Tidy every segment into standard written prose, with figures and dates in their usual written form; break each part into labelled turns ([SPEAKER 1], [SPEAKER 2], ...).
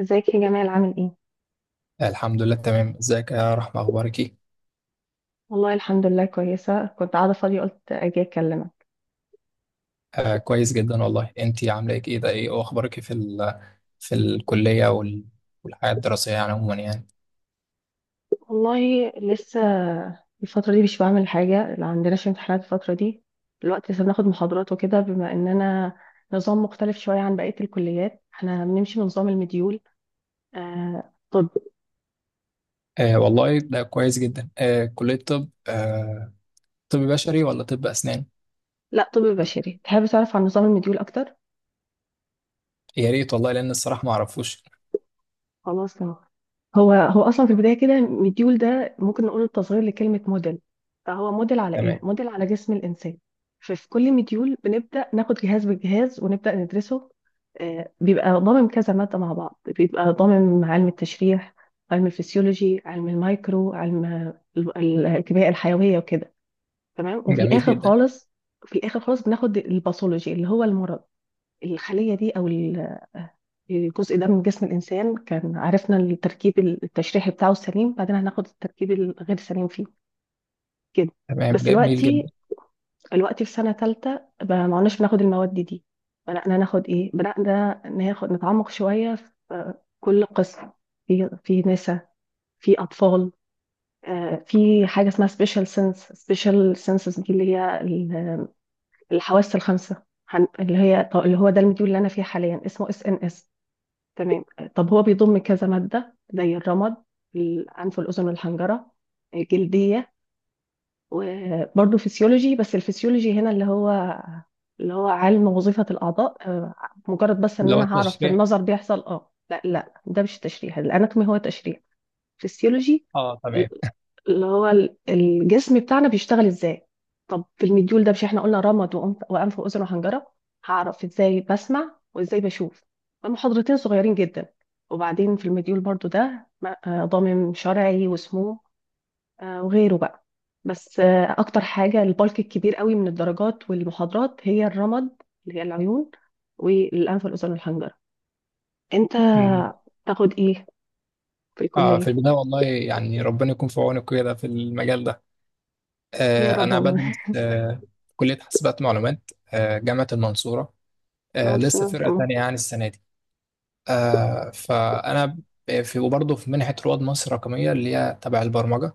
[SPEAKER 1] ازيك يا جمال عامل ايه؟
[SPEAKER 2] الحمد لله تمام. ازيك يا رحمة؟ اخبارك ايه؟
[SPEAKER 1] والله الحمد لله، كويسة. كنت قاعدة فاضية، قلت اجي اكلمك.
[SPEAKER 2] آه كويس جدا والله. انتي عاملة ايه كده؟ ايه اخبارك في ال في الكلية وال والحياة الدراسية يعني عموما يعني.
[SPEAKER 1] والله لسه الفترة دي مش بعمل حاجة، لا عندناش امتحانات الفترة دي، الوقت لسه بناخد محاضرات وكده، بما اننا نظام مختلف شوية عن بقية الكليات، احنا بنمشي بنظام المديول. آه طب
[SPEAKER 2] آه والله ده كويس جدا، آه كلية طب، آه طب بشري ولا طب اسنان؟
[SPEAKER 1] لا، طب بشري. تحب تعرف عن نظام المديول اكتر؟
[SPEAKER 2] يا ريت والله لان الصراحة ما اعرفوش.
[SPEAKER 1] خلاص، تمام. هو اصلا في البدايه كده، مديول ده ممكن نقول تصغير لكلمه موديل، فهو موديل على ايه؟
[SPEAKER 2] تمام
[SPEAKER 1] موديل على جسم الانسان. ففي كل مديول بنبدا ناخد جهاز بالجهاز ونبدا ندرسه. بيبقى ضامن كذا ماده مع بعض، بيبقى ضامن علم التشريح، علم الفسيولوجي، علم المايكرو، علم الكيمياء الحيويه وكده. تمام. وفي
[SPEAKER 2] جميل
[SPEAKER 1] الاخر
[SPEAKER 2] جدا.
[SPEAKER 1] خالص في الاخر خالص بناخد الباثولوجي اللي هو المرض، الخليه دي جزء ده من جسم الإنسان، كان عرفنا التركيب التشريحي بتاعه السليم، بعدين هناخد التركيب الغير سليم فيه، كده.
[SPEAKER 2] تمام
[SPEAKER 1] بس
[SPEAKER 2] جميل جدا.
[SPEAKER 1] دلوقتي في سنة تالتة، بقى ما عدناش بناخد المواد دي. بدأنا ناخد نتعمق شوية في كل قسم، في نساء، في أطفال. في حاجة اسمها سبيشال سنسز، دي اللي هي الحواس الخمسة. اللي هو ده المديول اللي أنا فيه حاليا، اسمه اس ان اس. تمام. طب هو بيضم كذا مادة، زي الرمد، الأنف والأذن والحنجرة، الجلدية، وبرضه فسيولوجي. بس الفسيولوجي هنا اللي هو علم وظيفة الأعضاء، مجرد بس إن
[SPEAKER 2] اللي هو
[SPEAKER 1] أنا هعرف في
[SPEAKER 2] التشريح.
[SPEAKER 1] النظر بيحصل اه، لا لا، ده مش تشريح، الأناتومي هو تشريح، فسيولوجي
[SPEAKER 2] اه تمام.
[SPEAKER 1] اللي هو الجسم بتاعنا بيشتغل ازاي. طب في المديول ده، مش احنا قلنا رمد وأنف وأذن وحنجرة، هعرف ازاي بسمع وازاي بشوف؟ المحاضرتين صغيرين جدا. وبعدين في المديول برضو ده ضامن شرعي وسموم وغيره بقى. بس اكتر حاجة، البلك الكبير قوي من الدرجات والمحاضرات، هي الرمد اللي هي العيون والأنف والأذن والحنجرة. انت
[SPEAKER 2] مم.
[SPEAKER 1] تاخد ايه في
[SPEAKER 2] اه في
[SPEAKER 1] الكلية؟
[SPEAKER 2] البداية والله يعني ربنا يكون في عونك كده في المجال ده.
[SPEAKER 1] يا رب
[SPEAKER 2] أنا
[SPEAKER 1] والله.
[SPEAKER 2] بدرس في كلية حاسبات معلومات، جامعة المنصورة.
[SPEAKER 1] ما بس
[SPEAKER 2] لسه
[SPEAKER 1] ان شاء
[SPEAKER 2] فرقة
[SPEAKER 1] الله.
[SPEAKER 2] تانية يعني السنة دي. فأنا في وبرضه في منحة رواد مصر الرقمية اللي هي تبع البرمجة.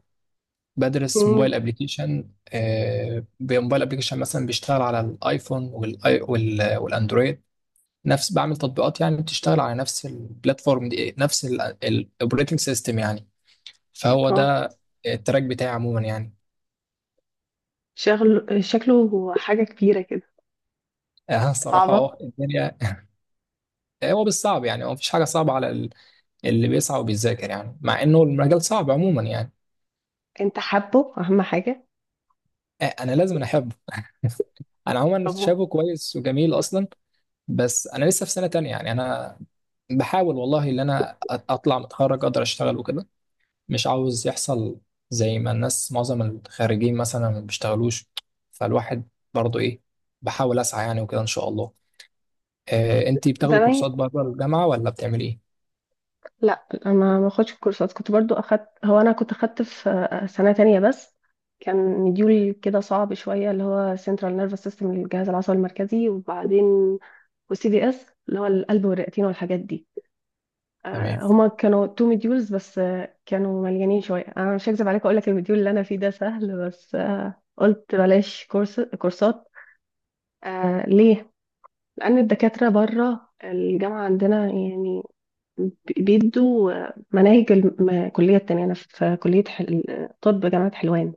[SPEAKER 2] بدرس
[SPEAKER 1] مم.
[SPEAKER 2] موبايل أبليكيشن، موبايل أبليكيشن مثلا بيشتغل على الآيفون والأندرويد. نفس بعمل تطبيقات يعني بتشتغل على نفس البلاتفورم دي، نفس الأوبريتنج سيستم يعني. فهو
[SPEAKER 1] اه،
[SPEAKER 2] ده التراك بتاعي عموما يعني.
[SPEAKER 1] شغل شكله حاجة كبيرة كده.
[SPEAKER 2] الصراحة
[SPEAKER 1] صعبة.
[SPEAKER 2] اه الدنيا. هو بالصعب يعني، هو مفيش حاجة صعبة على اللي بيسعى وبيذاكر، يعني مع إنه المجال صعب عموما يعني.
[SPEAKER 1] انت حابه؟ اهم حاجة.
[SPEAKER 2] أنا لازم أنا أحبه. أنا عموما
[SPEAKER 1] طب،
[SPEAKER 2] شايفه كويس وجميل أصلا. بس أنا لسه في سنة تانية يعني. أنا بحاول والله إن أنا أطلع متخرج أقدر أشتغل وكده. مش عاوز يحصل زي ما الناس معظم الخارجين مثلا ما بيشتغلوش، فالواحد برضه إيه، بحاول أسعى يعني وكده إن شاء الله. أنتي بتاخدي
[SPEAKER 1] زمان،
[SPEAKER 2] كورسات بره الجامعة ولا بتعملي إيه؟
[SPEAKER 1] لا. انا ما اخدش الكورسات، كنت برضو اخدت، هو انا كنت اخدت في سنة تانية بس. كان مديول كده صعب شوية، اللي هو سنترال نيرفس سيستم، الجهاز العصبي المركزي، وبعدين والسي دي اس اللي هو القلب والرئتين والحاجات دي.
[SPEAKER 2] تمام.
[SPEAKER 1] هما كانوا تو مديولز، بس كانوا مليانين شوية. انا مش هكذب عليك، اقول لك المديول اللي انا فيه ده سهل، بس قلت بلاش كورسات. ليه؟ لأن الدكاترة بره الجامعة عندنا يعني بيدوا مناهج الكلية التانية. أنا في كلية حل... طب جامعة حلوان.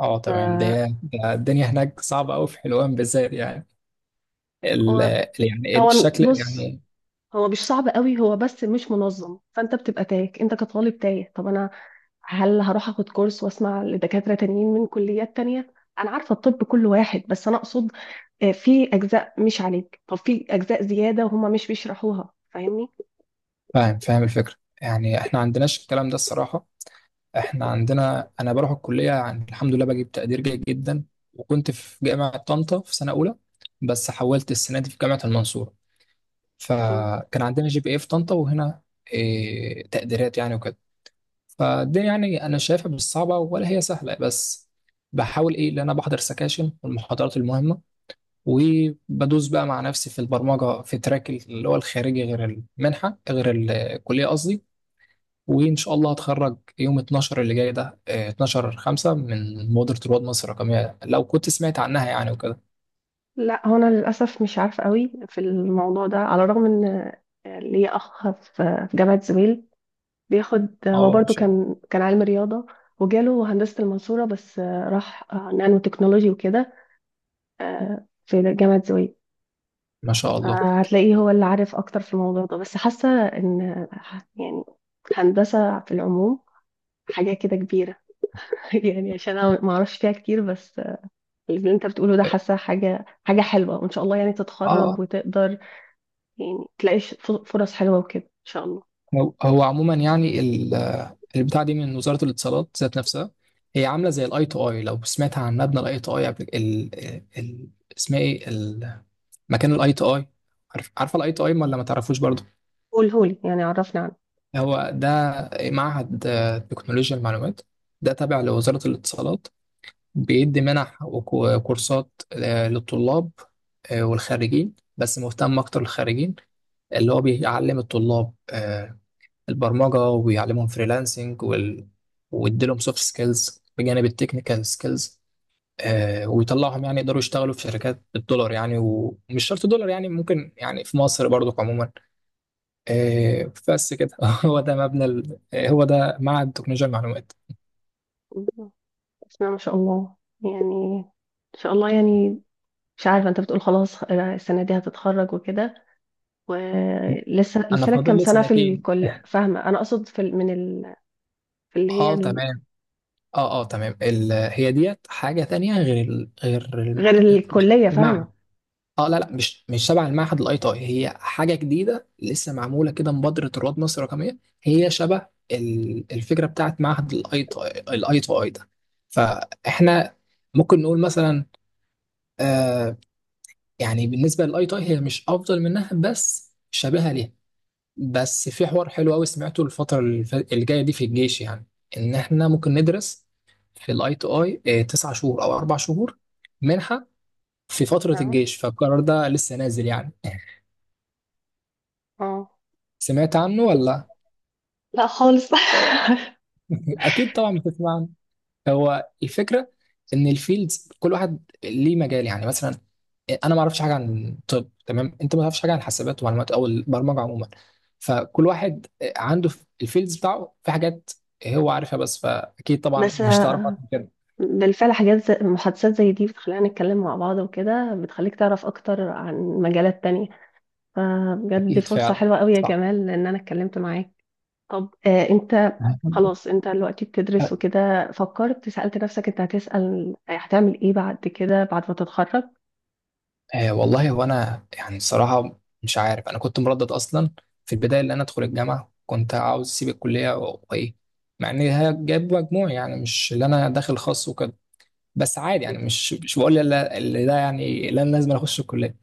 [SPEAKER 2] اه
[SPEAKER 1] ف-
[SPEAKER 2] تمام ده. ده الدنيا هناك صعبة أوي في حلوان بالذات يعني، ال
[SPEAKER 1] هو
[SPEAKER 2] يعني
[SPEAKER 1] هو
[SPEAKER 2] الشكل
[SPEAKER 1] بص،
[SPEAKER 2] يعني.
[SPEAKER 1] هو مش صعب قوي، هو بس مش منظم، فأنت بتبقى تايه، أنت كطالب تايه. طب أنا، هل هروح أخد كورس وأسمع لدكاترة تانيين من كليات تانية؟ أنا عارفة الطب كل واحد، بس أنا أقصد في أجزاء مش عليك، طب في أجزاء زيادة وهما مش بيشرحوها، فاهمني؟
[SPEAKER 2] فاهم، فاهم الفكرة. يعني احنا عندناش الكلام ده الصراحة. احنا عندنا أنا بروح الكلية يعني، الحمد لله بجيب تقدير جيد جدا. وكنت في جامعة طنطا في سنة أولى، بس حولت السنة دي في جامعة المنصورة.
[SPEAKER 1] مم.
[SPEAKER 2] فكان عندنا جي بي اي في طنطا وهنا، إيه تقديرات يعني وكده. فالدنيا يعني أنا شايفها مش صعبة ولا هي سهلة، بس بحاول ايه ان انا بحضر سكاشن والمحاضرات المهمه، وبدوس بقى مع نفسي في البرمجة في تراك اللي هو الخارجي غير المنحة غير الكلية قصدي. وإن شاء الله هتخرج يوم 12 اللي جاي ده، آه، 12 5 من مبادرة رواد مصر الرقمية لو كنت سمعت عنها يعني وكده.
[SPEAKER 1] لا، هو انا للاسف مش عارفه قوي في الموضوع ده، على الرغم ان ليا اخ في جامعه زويل، بياخد، هو
[SPEAKER 2] اه ما
[SPEAKER 1] برضو
[SPEAKER 2] شاء
[SPEAKER 1] كان علم رياضه، وجاله هندسه المنصوره، بس راح نانو تكنولوجي وكده، في جامعه زويل.
[SPEAKER 2] الله.
[SPEAKER 1] فهتلاقيه هو اللي عارف اكتر في الموضوع ده. بس حاسه ان يعني هندسه في العموم حاجه كده كبيره. يعني عشان انا ما اعرفش فيها كتير، بس اللي انت بتقوله ده،
[SPEAKER 2] اه
[SPEAKER 1] حاسه حاجه حاجه حلوه، وان شاء الله يعني
[SPEAKER 2] آه.
[SPEAKER 1] تتخرج
[SPEAKER 2] آه.
[SPEAKER 1] وتقدر، يعني تلاقي فرص حلوه وكده ان شاء الله.
[SPEAKER 2] هو عموما يعني البتاع دي من وزارة الاتصالات ذات نفسها. هي عاملة زي الاي تو اي. لو سمعت عن مبنى الاي تو اي قبل ال... اسمها ايه مكان الاي تو اي؟ عارف، عارفه الاي تو اي ولا ما تعرفوش برضه؟
[SPEAKER 1] قولهولي، يعني عرفني عنه.
[SPEAKER 2] هو ده معهد تكنولوجيا المعلومات. ده تابع لوزارة الاتصالات. بيدي منح وكورسات للطلاب والخريجين، بس مهتم أكتر للخريجين. اللي هو بيعلم الطلاب البرمجة وبيعلمهم فريلانسنج ويديلهم سوفت سكيلز بجانب التكنيكال سكيلز، ويطلعهم يعني يقدروا يشتغلوا في شركات بالدولار يعني، ومش شرط دولار يعني، ممكن يعني في مصر برضو عموما. بس كده. هو ده مبنى ال... آه، هو ده معهد تكنولوجيا المعلومات.
[SPEAKER 1] اسمها ما شاء الله، يعني ان شاء الله يعني. مش عارفه، انت بتقول خلاص السنه دي هتتخرج وكده، ولسه،
[SPEAKER 2] انا
[SPEAKER 1] لسه لك
[SPEAKER 2] فاضل
[SPEAKER 1] كام
[SPEAKER 2] لي
[SPEAKER 1] سنه في
[SPEAKER 2] سنتين.
[SPEAKER 1] الكل؟ فاهمه، انا اقصد في اللي هي
[SPEAKER 2] اه
[SPEAKER 1] ال-
[SPEAKER 2] تمام. اه تمام. هي ديت حاجه تانية غير
[SPEAKER 1] غير الكلية،
[SPEAKER 2] المعهد.
[SPEAKER 1] فاهمة.
[SPEAKER 2] اه لا مش شبه المعهد الاي تي اي، هي حاجه جديده لسه معموله كده، مبادره رواد مصر الرقميه. هي شبه الفكره بتاعت معهد الاي تي الاي تي اي ده. فاحنا ممكن نقول مثلا، آه، يعني بالنسبه للاي تي اي هي مش افضل منها بس شبيهه ليها. بس في حوار حلو قوي سمعته الفترة الجاية دي في الجيش يعني، إن إحنا ممكن ندرس في الأي تو أي تسع شهور أو أربع شهور منحة في فترة
[SPEAKER 1] نعم.
[SPEAKER 2] الجيش. فالقرار ده لسه نازل يعني.
[SPEAKER 1] اه،
[SPEAKER 2] سمعت عنه ولا؟
[SPEAKER 1] لا خالص.
[SPEAKER 2] أكيد طبعا بتسمع عنه. هو الفكره ان الفيلدز كل واحد ليه مجال. يعني مثلا انا ما اعرفش حاجه عن طب، تمام، انت ما تعرفش حاجه عن حسابات ومعلومات او البرمجه عموما. فكل واحد عنده في الفيلدز بتاعه في حاجات هو عارفها، بس فاكيد طبعا
[SPEAKER 1] بس
[SPEAKER 2] مش تعرف أكتر من كده.
[SPEAKER 1] بالفعل حاجات زي محادثات زي دي، بتخلينا نتكلم مع بعض وكده، بتخليك تعرف أكتر عن مجالات تانية، فبجد دي
[SPEAKER 2] اكيد
[SPEAKER 1] فرصة
[SPEAKER 2] فعلا،
[SPEAKER 1] حلوة قوي يا
[SPEAKER 2] صح.
[SPEAKER 1] جمال إن أنا اتكلمت معاك. طب أنت، خلاص، أنت دلوقتي بتدرس وكده، فكرت، سألت نفسك أنت هتعمل إيه بعد كده، بعد ما تتخرج؟
[SPEAKER 2] آه والله هو انا يعني الصراحه مش عارف. انا كنت مردد اصلا في البدايه اللي انا ادخل الجامعه، كنت عاوز اسيب الكليه وايه، مع ان هي جايب مجموع يعني، مش اللي انا داخل خاص وكده. بس عادي يعني، مش بقول لا اللي ده يعني لا لازم أنا اخش الكليه.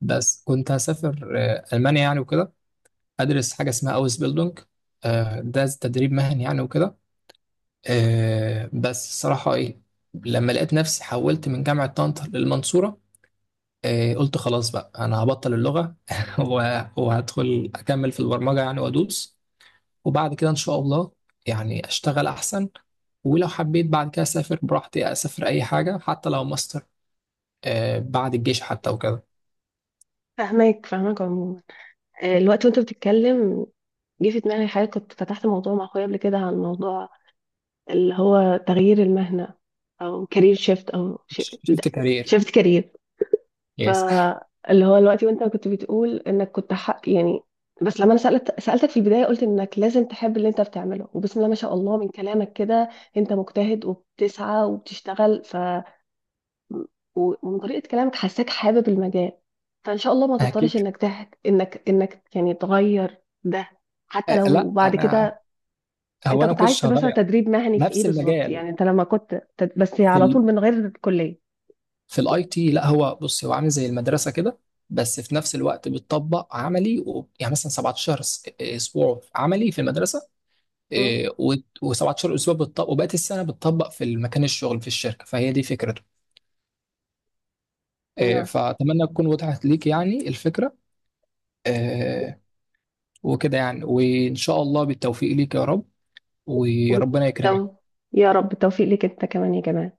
[SPEAKER 2] بس كنت هسافر المانيا يعني وكده، ادرس حاجه اسمها اوس بيلدونج، ده تدريب مهني يعني وكده. بس الصراحه ايه، لما لقيت نفسي حولت من جامعه طنطا للمنصوره، قلت خلاص بقى انا هبطل اللغه. وهدخل اكمل في البرمجه يعني وادوس، وبعد كده ان شاء الله يعني اشتغل احسن. ولو حبيت بعد كده اسافر براحتي، اسافر اي حاجه حتى لو ماستر، بعد الجيش حتى وكده.
[SPEAKER 1] فاهماك، فاهماك عموما. الوقت وأنت بتتكلم، جه في دماغي حاجة، كنت فتحت موضوع مع أخويا قبل كده عن موضوع اللي هو تغيير المهنة، أو كارير شيفت، أو
[SPEAKER 2] شفت كارير؟
[SPEAKER 1] شيفت كارير.
[SPEAKER 2] يس.
[SPEAKER 1] فاللي هو الوقت وأنت كنت بتقول إنك كنت حق يعني، بس لما أنا سألتك في البداية، قلت إنك لازم تحب اللي أنت بتعمله، وبسم الله ما شاء الله من كلامك كده أنت مجتهد وبتسعى وبتشتغل ومن طريقة كلامك حاساك حابب المجال، فإن شاء الله ما
[SPEAKER 2] اكيد.
[SPEAKER 1] تضطرش إنك يعني تغير ده، حتى لو
[SPEAKER 2] لا
[SPEAKER 1] بعد
[SPEAKER 2] انا،
[SPEAKER 1] كده.
[SPEAKER 2] هو
[SPEAKER 1] انت
[SPEAKER 2] انا
[SPEAKER 1] كنت عايز
[SPEAKER 2] كنتش
[SPEAKER 1] تبقى
[SPEAKER 2] هغير.
[SPEAKER 1] تدريب مهني في ايه
[SPEAKER 2] نفس
[SPEAKER 1] بالظبط؟
[SPEAKER 2] المجال
[SPEAKER 1] يعني انت لما كنت بس
[SPEAKER 2] في
[SPEAKER 1] على طول من غير كلية.
[SPEAKER 2] في الاي تي. لا هو بص، هو عامل زي المدرسه كده، بس في نفس الوقت بتطبق عملي و... يعني مثلا 17 اسبوع عملي في المدرسه،
[SPEAKER 1] مم.
[SPEAKER 2] و17 اسبوع بتطبق، وبقيت السنه بتطبق في المكان الشغل في الشركه. فهي دي فكرته.
[SPEAKER 1] نعم.
[SPEAKER 2] فاتمنى تكون وضحت ليك يعني الفكره. آه، وكده يعني، وان شاء الله بالتوفيق ليك يا رب، وربنا
[SPEAKER 1] وبالتو...
[SPEAKER 2] يكرمك.
[SPEAKER 1] يا رب التوفيق ليك انت كمان يا جمال.